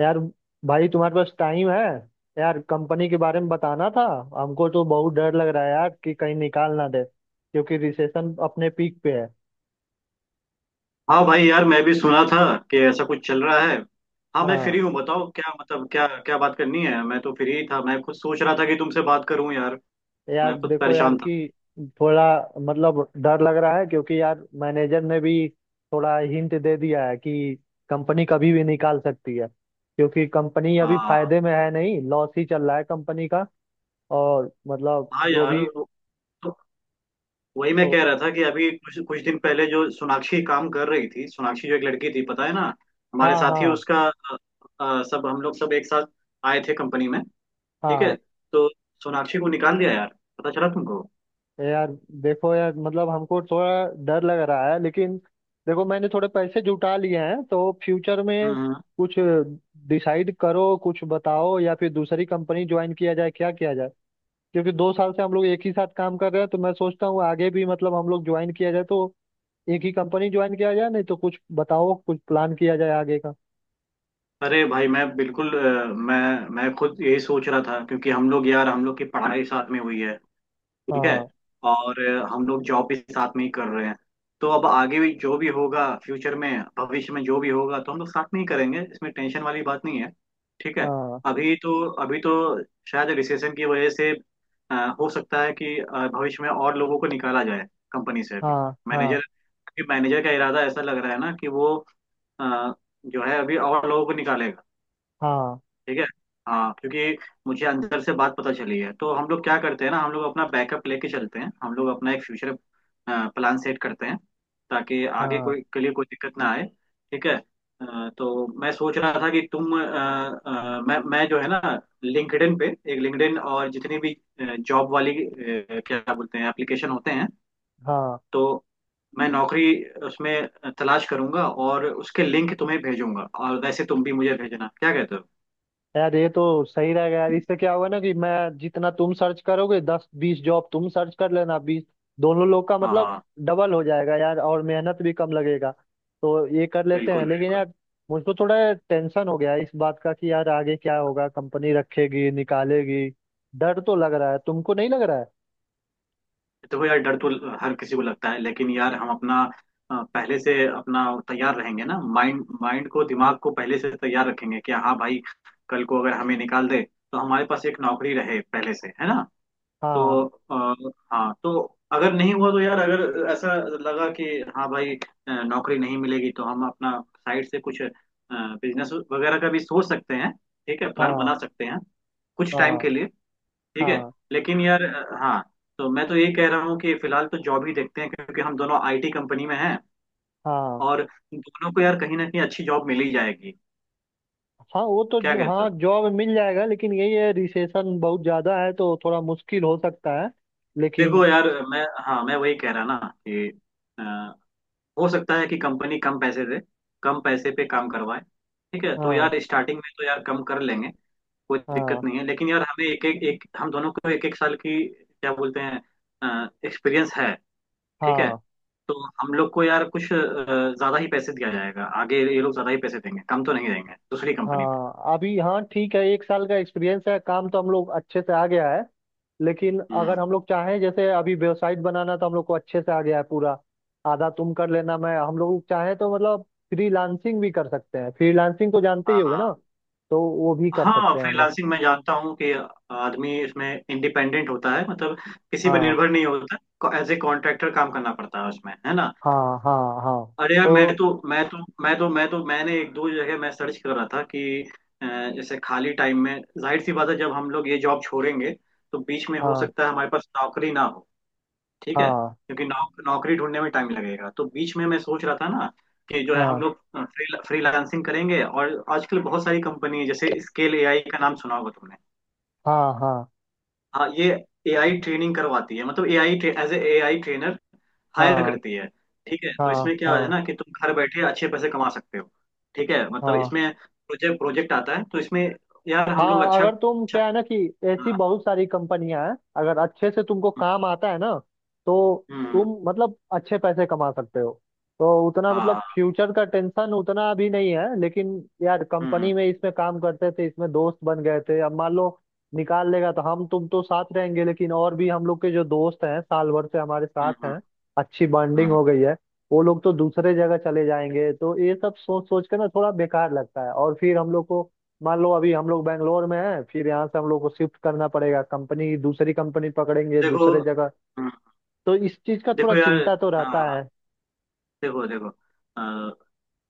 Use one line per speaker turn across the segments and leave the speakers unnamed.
यार, भाई तुम्हारे पास टाइम है? यार कंपनी के बारे में बताना था। हमको तो बहुत डर लग रहा है यार कि कहीं निकाल ना दे, क्योंकि रिसेशन अपने पीक पे है।
हाँ भाई यार, मैं भी सुना था कि ऐसा कुछ चल रहा है। हाँ, मैं
हाँ,
फ्री हूँ। बताओ क्या मतलब, क्या क्या बात करनी है। मैं तो फ्री ही था, मैं खुद सोच रहा था कि तुमसे बात करूँ यार।
यार
मैं खुद
देखो यार
परेशान था।
कि थोड़ा मतलब डर लग रहा है क्योंकि यार मैनेजर ने भी थोड़ा हिंट दे दिया है कि कंपनी कभी भी निकाल सकती है, क्योंकि कंपनी अभी
हाँ
फायदे में है नहीं, लॉस ही चल रहा है कंपनी का। और मतलब
हाँ
जो
यार,
भी।
तो वही मैं
तो,
कह रहा था कि अभी कुछ कुछ दिन पहले जो सोनाक्षी काम कर रही थी, सोनाक्षी जो एक लड़की थी, पता है ना, हमारे
हाँ
साथ ही
हाँ।
उसका सब, हम लोग सब एक साथ आए थे कंपनी में। ठीक है।
हाँ
तो सोनाक्षी को निकाल दिया यार, पता चला तुमको?
यार, देखो यार, मतलब हमको थोड़ा डर लग रहा है लेकिन देखो मैंने थोड़े पैसे जुटा लिए हैं तो फ्यूचर में कुछ डिसाइड करो, कुछ बताओ, या फिर दूसरी कंपनी ज्वाइन किया जाए, क्या किया जाए। क्योंकि 2 साल से हम लोग एक ही साथ काम कर रहे हैं तो मैं सोचता हूँ आगे भी मतलब हम लोग ज्वाइन किया जाए तो एक ही कंपनी ज्वाइन किया जाए, नहीं तो कुछ बताओ, कुछ प्लान किया जाए आगे का।
अरे भाई, मैं बिल्कुल मैं खुद यही सोच रहा था क्योंकि हम लोग यार, हम लोग की पढ़ाई साथ में हुई है। ठीक है।
हाँ
और हम लोग जॉब भी साथ में ही कर रहे हैं। तो अब आगे भी जो भी होगा फ्यूचर में, भविष्य में जो भी होगा तो हम लोग साथ में ही करेंगे। इसमें टेंशन वाली बात नहीं है। ठीक है।
हाँ।
अभी तो शायद रिसेशन की वजह से, अ, हो सकता है कि भविष्य में और लोगों को निकाला जाए कंपनी से अभी।
हाँ हाँ
मैनेजर मैनेजर का इरादा ऐसा लग रहा है ना कि वो, अ, जो है, अभी और लोगों को निकालेगा।
हाँ
ठीक है। हाँ, क्योंकि मुझे अंदर से बात पता चली है। तो हम लोग क्या करते हैं ना, हम लोग अपना बैकअप लेके चलते हैं, हम लोग अपना एक फ्यूचर प्लान सेट करते हैं, ताकि आगे
हाँ
कोई के लिए कोई दिक्कत ना आए। ठीक है। तो मैं सोच रहा था कि तुम, मैं जो है ना, लिंक्डइन पे, एक लिंक्डइन और जितनी भी जॉब वाली, क्या बोलते हैं, एप्लीकेशन होते हैं,
हाँ।
तो मैं नौकरी उसमें तलाश करूंगा और उसके लिंक तुम्हें भेजूंगा, और वैसे तुम भी मुझे भेजना। क्या कहते हो?
यार ये तो सही रहेगा यार, इससे क्या होगा ना कि मैं जितना तुम सर्च करोगे, 10 20 जॉब तुम सर्च कर लेना, बीस दोनों लोग का मतलब
हाँ,
डबल हो जाएगा यार, और मेहनत भी कम लगेगा। तो ये कर लेते
बिल्कुल
हैं, लेकिन
बिल्कुल।
यार मुझको थोड़ा टेंशन हो गया है इस बात का कि यार आगे क्या होगा, कंपनी रखेगी निकालेगी। डर तो लग रहा है, तुमको नहीं लग रहा है?
देखो यार, डर तो हर किसी को लगता है, लेकिन यार, हम अपना, पहले से अपना तैयार रहेंगे ना, माइंड माइंड को, दिमाग को पहले से तैयार रखेंगे कि हाँ भाई, कल को अगर हमें निकाल दे तो हमारे पास एक नौकरी रहे पहले से, है ना।
हाँ
तो, हाँ, तो अगर नहीं हुआ तो यार, अगर ऐसा लगा कि हाँ भाई, नौकरी नहीं मिलेगी, तो हम अपना साइड से कुछ बिजनेस वगैरह का भी सोच सकते हैं। ठीक है, प्लान
हाँ
बना सकते हैं, कुछ टाइम
हाँ
के लिए। ठीक है।
हाँ
लेकिन यार, हाँ, तो मैं तो ये कह रहा हूँ कि फिलहाल तो जॉब ही देखते हैं, क्योंकि हम दोनों आईटी कंपनी में हैं।
हाँ।
और दोनों को यार, कहीं ना कहीं अच्छी जॉब मिल ही जाएगी।
हाँ, वो
क्या
तो।
कहते
हाँ,
हो?
जॉब मिल जाएगा लेकिन यही है रिसेशन बहुत ज्यादा है तो थोड़ा मुश्किल हो सकता है। लेकिन,
देखो यार, मैं, हाँ, मैं वही कह रहा ना कि, अ, हो सकता है कि कंपनी कम पैसे दे, कम पैसे पे काम करवाए। ठीक है, तो
हाँ
यार स्टार्टिंग में तो यार कम कर लेंगे, कोई दिक्कत
हाँ
नहीं है। लेकिन यार, हमें एक एक एक हम दोनों को एक एक साल की, क्या बोलते हैं, एक्सपीरियंस है। ठीक है।
हाँ।
तो हम लोग को यार, कुछ ज्यादा ही पैसे दिया जाएगा आगे, ये लोग ज्यादा ही पैसे देंगे, कम तो नहीं देंगे दूसरी कंपनी में।
हाँ अभी हाँ ठीक है, 1 साल का एक्सपीरियंस है, काम तो हम लोग अच्छे से आ गया है। लेकिन अगर
हम्म,
हम लोग चाहें, जैसे अभी वेबसाइट बनाना तो हम लोग को अच्छे से आ गया है पूरा। आधा तुम कर लेना, मैं हम लोग चाहें तो मतलब फ्रीलांसिंग भी कर सकते हैं। फ्रीलांसिंग को जानते ही होगे
हाँ
ना? तो वो भी कर
हाँ,
सकते हैं हम लोग।
फ्रीलांसिंग मैं जानता हूँ कि आदमी इसमें इंडिपेंडेंट होता है, मतलब किसी पर
हाँ
निर्भर नहीं होता, एज ए कॉन्ट्रैक्टर काम करना पड़ता है उसमें, है ना।
हाँ हाँ। हाँ
अरे यार, मैं
तो
तो मैं तो मैं तो मैं तो मैंने एक दो जगह मैं सर्च कर रहा था कि, अ, जैसे खाली टाइम में, जाहिर सी बात है, जब हम लोग ये जॉब छोड़ेंगे तो बीच में हो
हाँ
सकता है हमारे पास नौकरी ना हो। ठीक है,
हाँ
क्योंकि नौकरी ढूंढने में टाइम लगेगा, तो बीच में मैं सोच रहा था ना, कि जो है, हम
हाँ
लोग फ्रीलांसिंग करेंगे, और आजकल बहुत सारी कंपनी है, जैसे स्केल एआई का नाम सुना होगा तुमने।
हाँ। हाँ
हाँ, ये एआई ट्रेनिंग करवाती है, मतलब AI, as a AI trainer hire
हाँ
करती है। ठीक है, तो
हाँ
इसमें क्या है
हाँ
ना कि तुम घर बैठे अच्छे पैसे कमा सकते हो। ठीक है, मतलब
हाँ
इसमें प्रोजेक्ट प्रोजेक्ट आता है, तो इसमें यार हम लोग
हाँ।
अच्छा
अगर तुम,
अच्छा।
क्या है ना कि ऐसी
हाँ,
बहुत सारी कंपनियां हैं, अगर अच्छे से तुमको
हम्म
काम आता है ना, तो
हम्म,
तुम मतलब अच्छे पैसे कमा सकते हो। तो उतना मतलब
हाँ,
फ्यूचर का टेंशन उतना अभी नहीं है, लेकिन यार
हम्म
कंपनी में इसमें काम करते थे, इसमें दोस्त बन गए थे, अब मान लो निकाल लेगा तो हम तुम तो साथ रहेंगे, लेकिन और भी हम लोग के जो दोस्त हैं, साल भर से हमारे साथ
हम्म हम्म,
हैं, अच्छी बॉन्डिंग
हम्म।
हो गई है। वो लोग तो दूसरे जगह चले जाएंगे, तो ये सब सोच सोच के ना थोड़ा बेकार लगता है। और फिर हम लोग को, मान लो अभी हम लोग बैंगलोर में हैं, फिर यहाँ से हम लोग को शिफ्ट करना पड़ेगा कंपनी, दूसरी कंपनी पकड़ेंगे
देखो,
दूसरे जगह,
हम्म,
तो इस चीज का थोड़ा
देखो यार,
चिंता तो रहता
हाँ,
है।
देखो देखो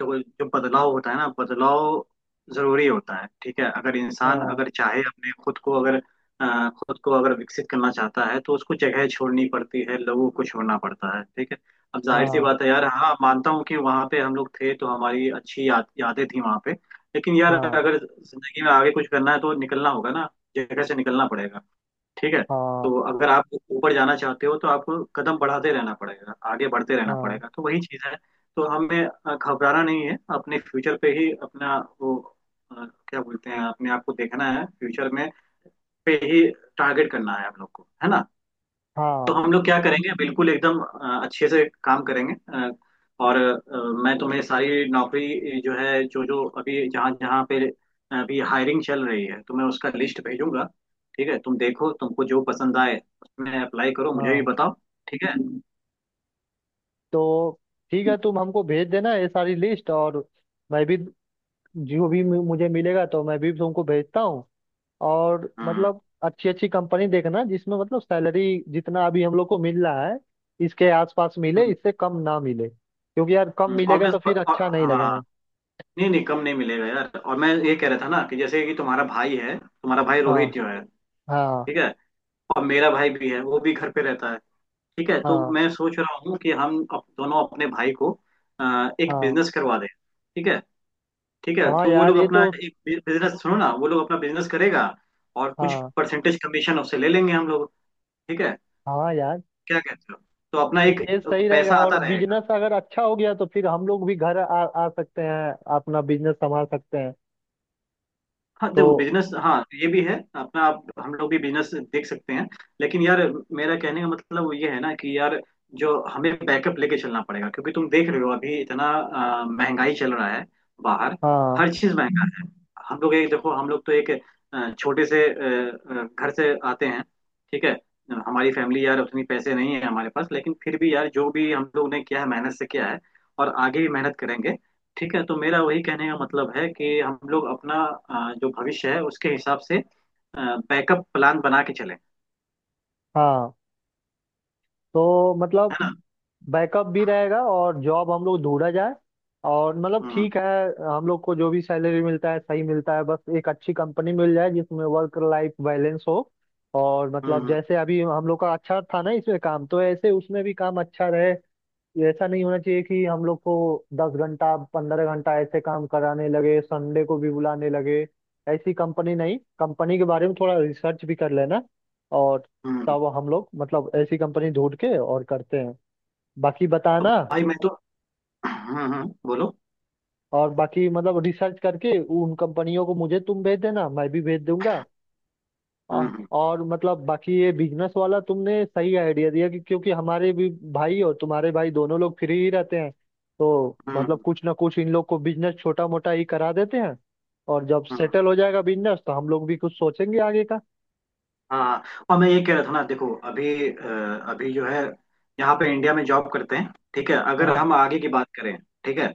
देखो जो बदलाव होता है ना, बदलाव जरूरी होता है। ठीक है। अगर इंसान
हाँ
अगर चाहे अपने खुद को अगर, खुद को अगर विकसित करना चाहता है तो उसको जगह छोड़नी पड़ती है, लोगों को छोड़ना पड़ता है। ठीक है। अब जाहिर सी
हाँ
बात है यार, हाँ, मानता हूँ कि वहाँ पे हम लोग थे तो हमारी अच्छी यादें थी वहाँ पे। लेकिन यार,
हाँ
अगर जिंदगी में आगे कुछ करना है तो निकलना होगा ना, जगह से निकलना पड़ेगा। ठीक है।
हाँ
तो अगर आप ऊपर जाना चाहते हो तो आपको कदम बढ़ाते रहना पड़ेगा, आगे बढ़ते रहना
हाँ
पड़ेगा, तो वही चीज है। तो हमें घबराना नहीं है, अपने फ्यूचर पे ही अपना वो, क्या बोलते हैं, अपने आप को देखना है फ्यूचर में पे ही, टारगेट करना है हम लोग को, है ना। तो
हाँ
हम लोग क्या करेंगे, बिल्कुल एकदम अच्छे से काम करेंगे, और मैं तुम्हें सारी नौकरी जो है, जो जो अभी जहाँ जहाँ पे अभी हायरिंग चल रही है, तो मैं उसका लिस्ट भेजूंगा। ठीक है, तुम देखो तुमको जो पसंद आए उसमें अप्लाई करो, मुझे भी
हाँ।
बताओ। ठीक है।
तो ठीक है, तुम हमको भेज देना ये सारी लिस्ट, और मैं भी जो भी मुझे मिलेगा तो मैं भी तुमको भेजता हूँ। और
हम्म,
मतलब अच्छी अच्छी कंपनी देखना जिसमें मतलब सैलरी जितना अभी हम लोग को मिल रहा है इसके आसपास मिले, इससे कम ना मिले, क्योंकि यार कम
और
मिलेगा
मैं
तो फिर
और,
अच्छा नहीं
हाँ,
लगेगा।
नहीं नहीं, कम नहीं मिलेगा यार। और मैं ये कह रहा था ना, कि जैसे कि तुम्हारा भाई है, तुम्हारा भाई रोहित
हाँ
जो है।
हाँ
ठीक है। और मेरा भाई भी है, वो भी घर पे रहता है। ठीक है। तो
हाँ
मैं सोच रहा हूँ कि हम दोनों अपने भाई को एक
हाँ
बिजनेस करवा दें। ठीक है। ठीक है,
हाँ।
तो वो
यार,
लोग
ये
अपना
तो
एक बिजनेस, सुनो ना, वो लोग अपना बिजनेस करेगा, और कुछ
हाँ
परसेंटेज कमीशन उससे ले लेंगे हम लोग। ठीक है।
हाँ। यार
क्या कहते हो। तो अपना एक,
नहीं, ये सही
पैसा
रहेगा, और
आता रहेगा।
बिजनेस अगर अच्छा हो गया तो फिर हम लोग भी घर आ सकते हैं, अपना बिजनेस संभाल सकते हैं।
हाँ, देखो
तो
बिजनेस, हाँ ये भी है, अपना आप हम लोग भी बिजनेस देख सकते हैं। लेकिन यार, मेरा कहने का मतलब वो ये है ना, कि यार जो हमें बैकअप लेके चलना पड़ेगा, क्योंकि तुम देख रहे हो अभी इतना, महंगाई चल रहा है बाहर।
हाँ
हर चीज महंगा है। हम लोग एक, देखो हम लोग तो एक, छोटे से, घर से आते हैं। ठीक है। हमारी फैमिली, यार उतनी पैसे नहीं है हमारे पास, लेकिन फिर भी यार, जो भी हम लोग ने किया है मेहनत से किया है, और आगे भी मेहनत करेंगे। ठीक है। तो मेरा वही कहने का मतलब है कि हम लोग अपना, जो भविष्य है उसके हिसाब से बैकअप प्लान बना के चलें,
हाँ। तो
है
मतलब
ना।
बैकअप भी रहेगा और जॉब हम लोग ढूंढा जाए। और मतलब
हम्म
ठीक है, हम लोग को जो भी सैलरी मिलता है सही मिलता है, बस एक अच्छी कंपनी मिल जाए जिसमें वर्क लाइफ बैलेंस हो। और मतलब
हम्म,
जैसे अभी हम लोग का अच्छा था ना इसमें काम, तो ऐसे उसमें भी काम अच्छा रहे। ये ऐसा नहीं होना चाहिए कि हम लोग को 10 घंटा 15 घंटा ऐसे काम कराने लगे, संडे को भी बुलाने लगे। ऐसी कंपनी नहीं, कंपनी के बारे में थोड़ा रिसर्च भी कर लेना। और
हम्म हम्म।
तब हम लोग मतलब ऐसी कंपनी ढूंढ के और करते हैं। बाकी
तो
बताना।
भाई मैं तो, हम्म, बोलो।
और बाकी मतलब रिसर्च करके उन कंपनियों को मुझे तुम भेज देना, मैं भी भेज दूंगा। और,
हम्म,
और मतलब बाकी ये बिजनेस वाला तुमने सही आइडिया दिया कि क्योंकि हमारे भी भाई और तुम्हारे भाई दोनों लोग फ्री ही रहते हैं, तो मतलब
हम्म
कुछ ना कुछ इन लोग को बिजनेस छोटा मोटा ही करा देते हैं। और जब
हम्म।
सेटल हो जाएगा बिजनेस तो हम लोग भी कुछ सोचेंगे आगे का।
हाँ, और मैं ये कह रहा था ना, देखो अभी, अभी जो है यहाँ पे इंडिया में जॉब करते हैं। ठीक है। अगर
हाँ
हम आगे की बात करें, ठीक है,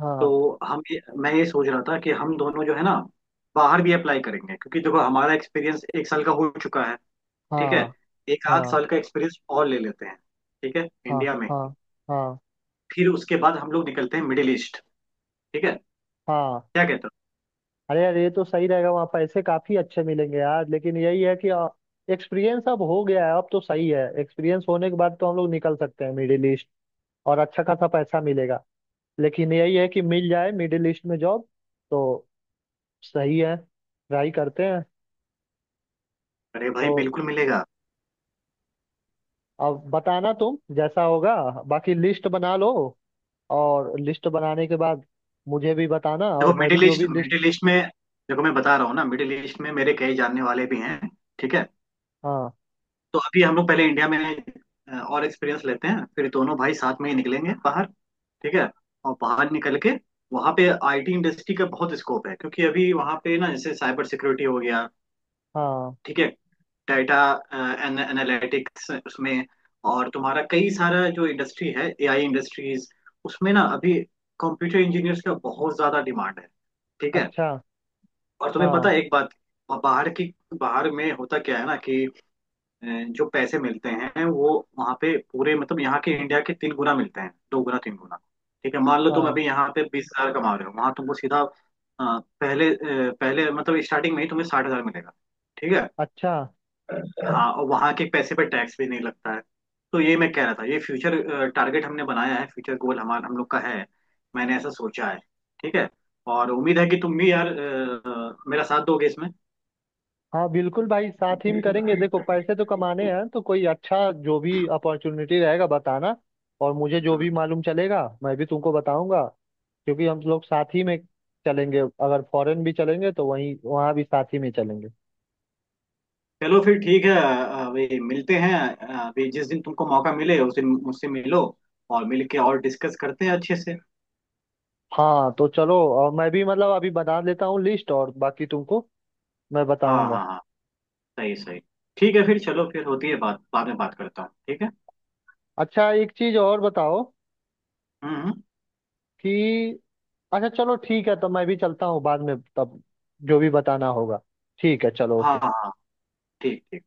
हाँ
तो हम ये, मैं ये सोच रहा था कि हम दोनों जो है ना, बाहर भी अप्लाई करेंगे, क्योंकि देखो हमारा एक्सपीरियंस एक साल का हो चुका है। ठीक है।
हाँ
एक आध
हाँ
साल का एक्सपीरियंस और ले लेते हैं, ठीक है,
हाँ
इंडिया में।
हाँ हाँ
फिर उसके बाद हम लोग निकलते हैं मिडिल ईस्ट। ठीक है।
हाँ।
क्या कहते हो?
अरे यार ये तो सही रहेगा, वहाँ पैसे काफी अच्छे मिलेंगे यार, लेकिन यही है कि एक्सपीरियंस अब हो गया है, अब तो सही है, एक्सपीरियंस होने के बाद तो हम लोग निकल सकते हैं मिडिल ईस्ट, और अच्छा खासा पैसा मिलेगा। लेकिन यही है कि मिल जाए मिडिल ईस्ट में जॉब। तो सही है, ट्राई करते हैं।
अरे भाई,
तो
बिल्कुल मिलेगा।
अब बताना, तुम जैसा होगा। बाकी लिस्ट बना लो, और लिस्ट बनाने के बाद मुझे भी बताना,
देखो
और मैं भी
मिडिल
जो
ईस्ट
भी लिस्ट।
मिडिल ईस्ट में, देखो मैं बता रहा हूँ ना, मिडिल ईस्ट में मेरे कई जानने वाले भी हैं। ठीक है।
हाँ
तो अभी हम लोग पहले इंडिया में और एक्सपीरियंस लेते हैं, फिर दोनों भाई साथ में ही निकलेंगे बाहर। ठीक है। और बाहर निकल के वहाँ पे आईटी इंडस्ट्री का बहुत स्कोप है, क्योंकि अभी वहाँ पे ना, जैसे साइबर सिक्योरिटी हो गया,
हाँ।
ठीक है, डाटा एनालिटिक्स उसमें, और तुम्हारा कई सारा जो इंडस्ट्री है, एआई इंडस्ट्रीज, उसमें ना अभी कंप्यूटर इंजीनियर्स का बहुत ज्यादा डिमांड है। ठीक है।
अच्छा।
और तुम्हें पता
हाँ
है एक बात, और बाहर की, बाहर में होता क्या है ना कि जो पैसे मिलते हैं, वो वहाँ पे पूरे, मतलब यहाँ के इंडिया के तीन गुना मिलते हैं, दो गुना तीन गुना। ठीक है। मान लो तुम
हाँ।
अभी यहाँ पे 20,000 कमा रहे हो, वहाँ तुमको सीधा, पहले, पहले मतलब स्टार्टिंग में ही तुम्हें 60,000 मिलेगा। ठीक है।
अच्छा।
हाँ, और वहाँ के पैसे पे टैक्स भी नहीं लगता है। तो ये मैं कह रहा था, ये फ्यूचर टारगेट हमने बनाया है, फ्यूचर गोल हमारा, हम लोग का है, मैंने ऐसा सोचा है। ठीक है। और उम्मीद है कि तुम भी यार, मेरा साथ दोगे इसमें।
हाँ, बिल्कुल भाई, साथ ही में करेंगे। देखो पैसे तो कमाने हैं, तो कोई अच्छा जो भी अपॉर्चुनिटी रहेगा बताना, और मुझे जो भी
हम्म,
मालूम चलेगा मैं भी तुमको बताऊंगा, क्योंकि हम लोग साथ ही में चलेंगे, अगर फॉरेन भी चलेंगे तो वहीं, वहाँ भी साथ ही में चलेंगे।
चलो फिर, ठीक है, अभी मिलते हैं, अभी जिस दिन तुमको मौका मिले उस दिन मुझसे मिलो, और मिल के और डिस्कस करते हैं अच्छे से।
हाँ, तो चलो, और मैं भी मतलब अभी बना लेता हूँ लिस्ट, और बाकी तुमको मैं
हाँ
बताऊंगा।
हाँ हाँ, सही सही, ठीक है। फिर चलो, फिर होती है बात, बाद में बात करता हूँ, ठीक है।
अच्छा एक चीज और बताओ
हम्म हम्म,
कि, अच्छा चलो ठीक है, तो मैं भी चलता हूँ, बाद में तब जो भी बताना होगा। ठीक है, चलो,
हाँ
ओके।
हाँ हाँ, ठीक ठीक।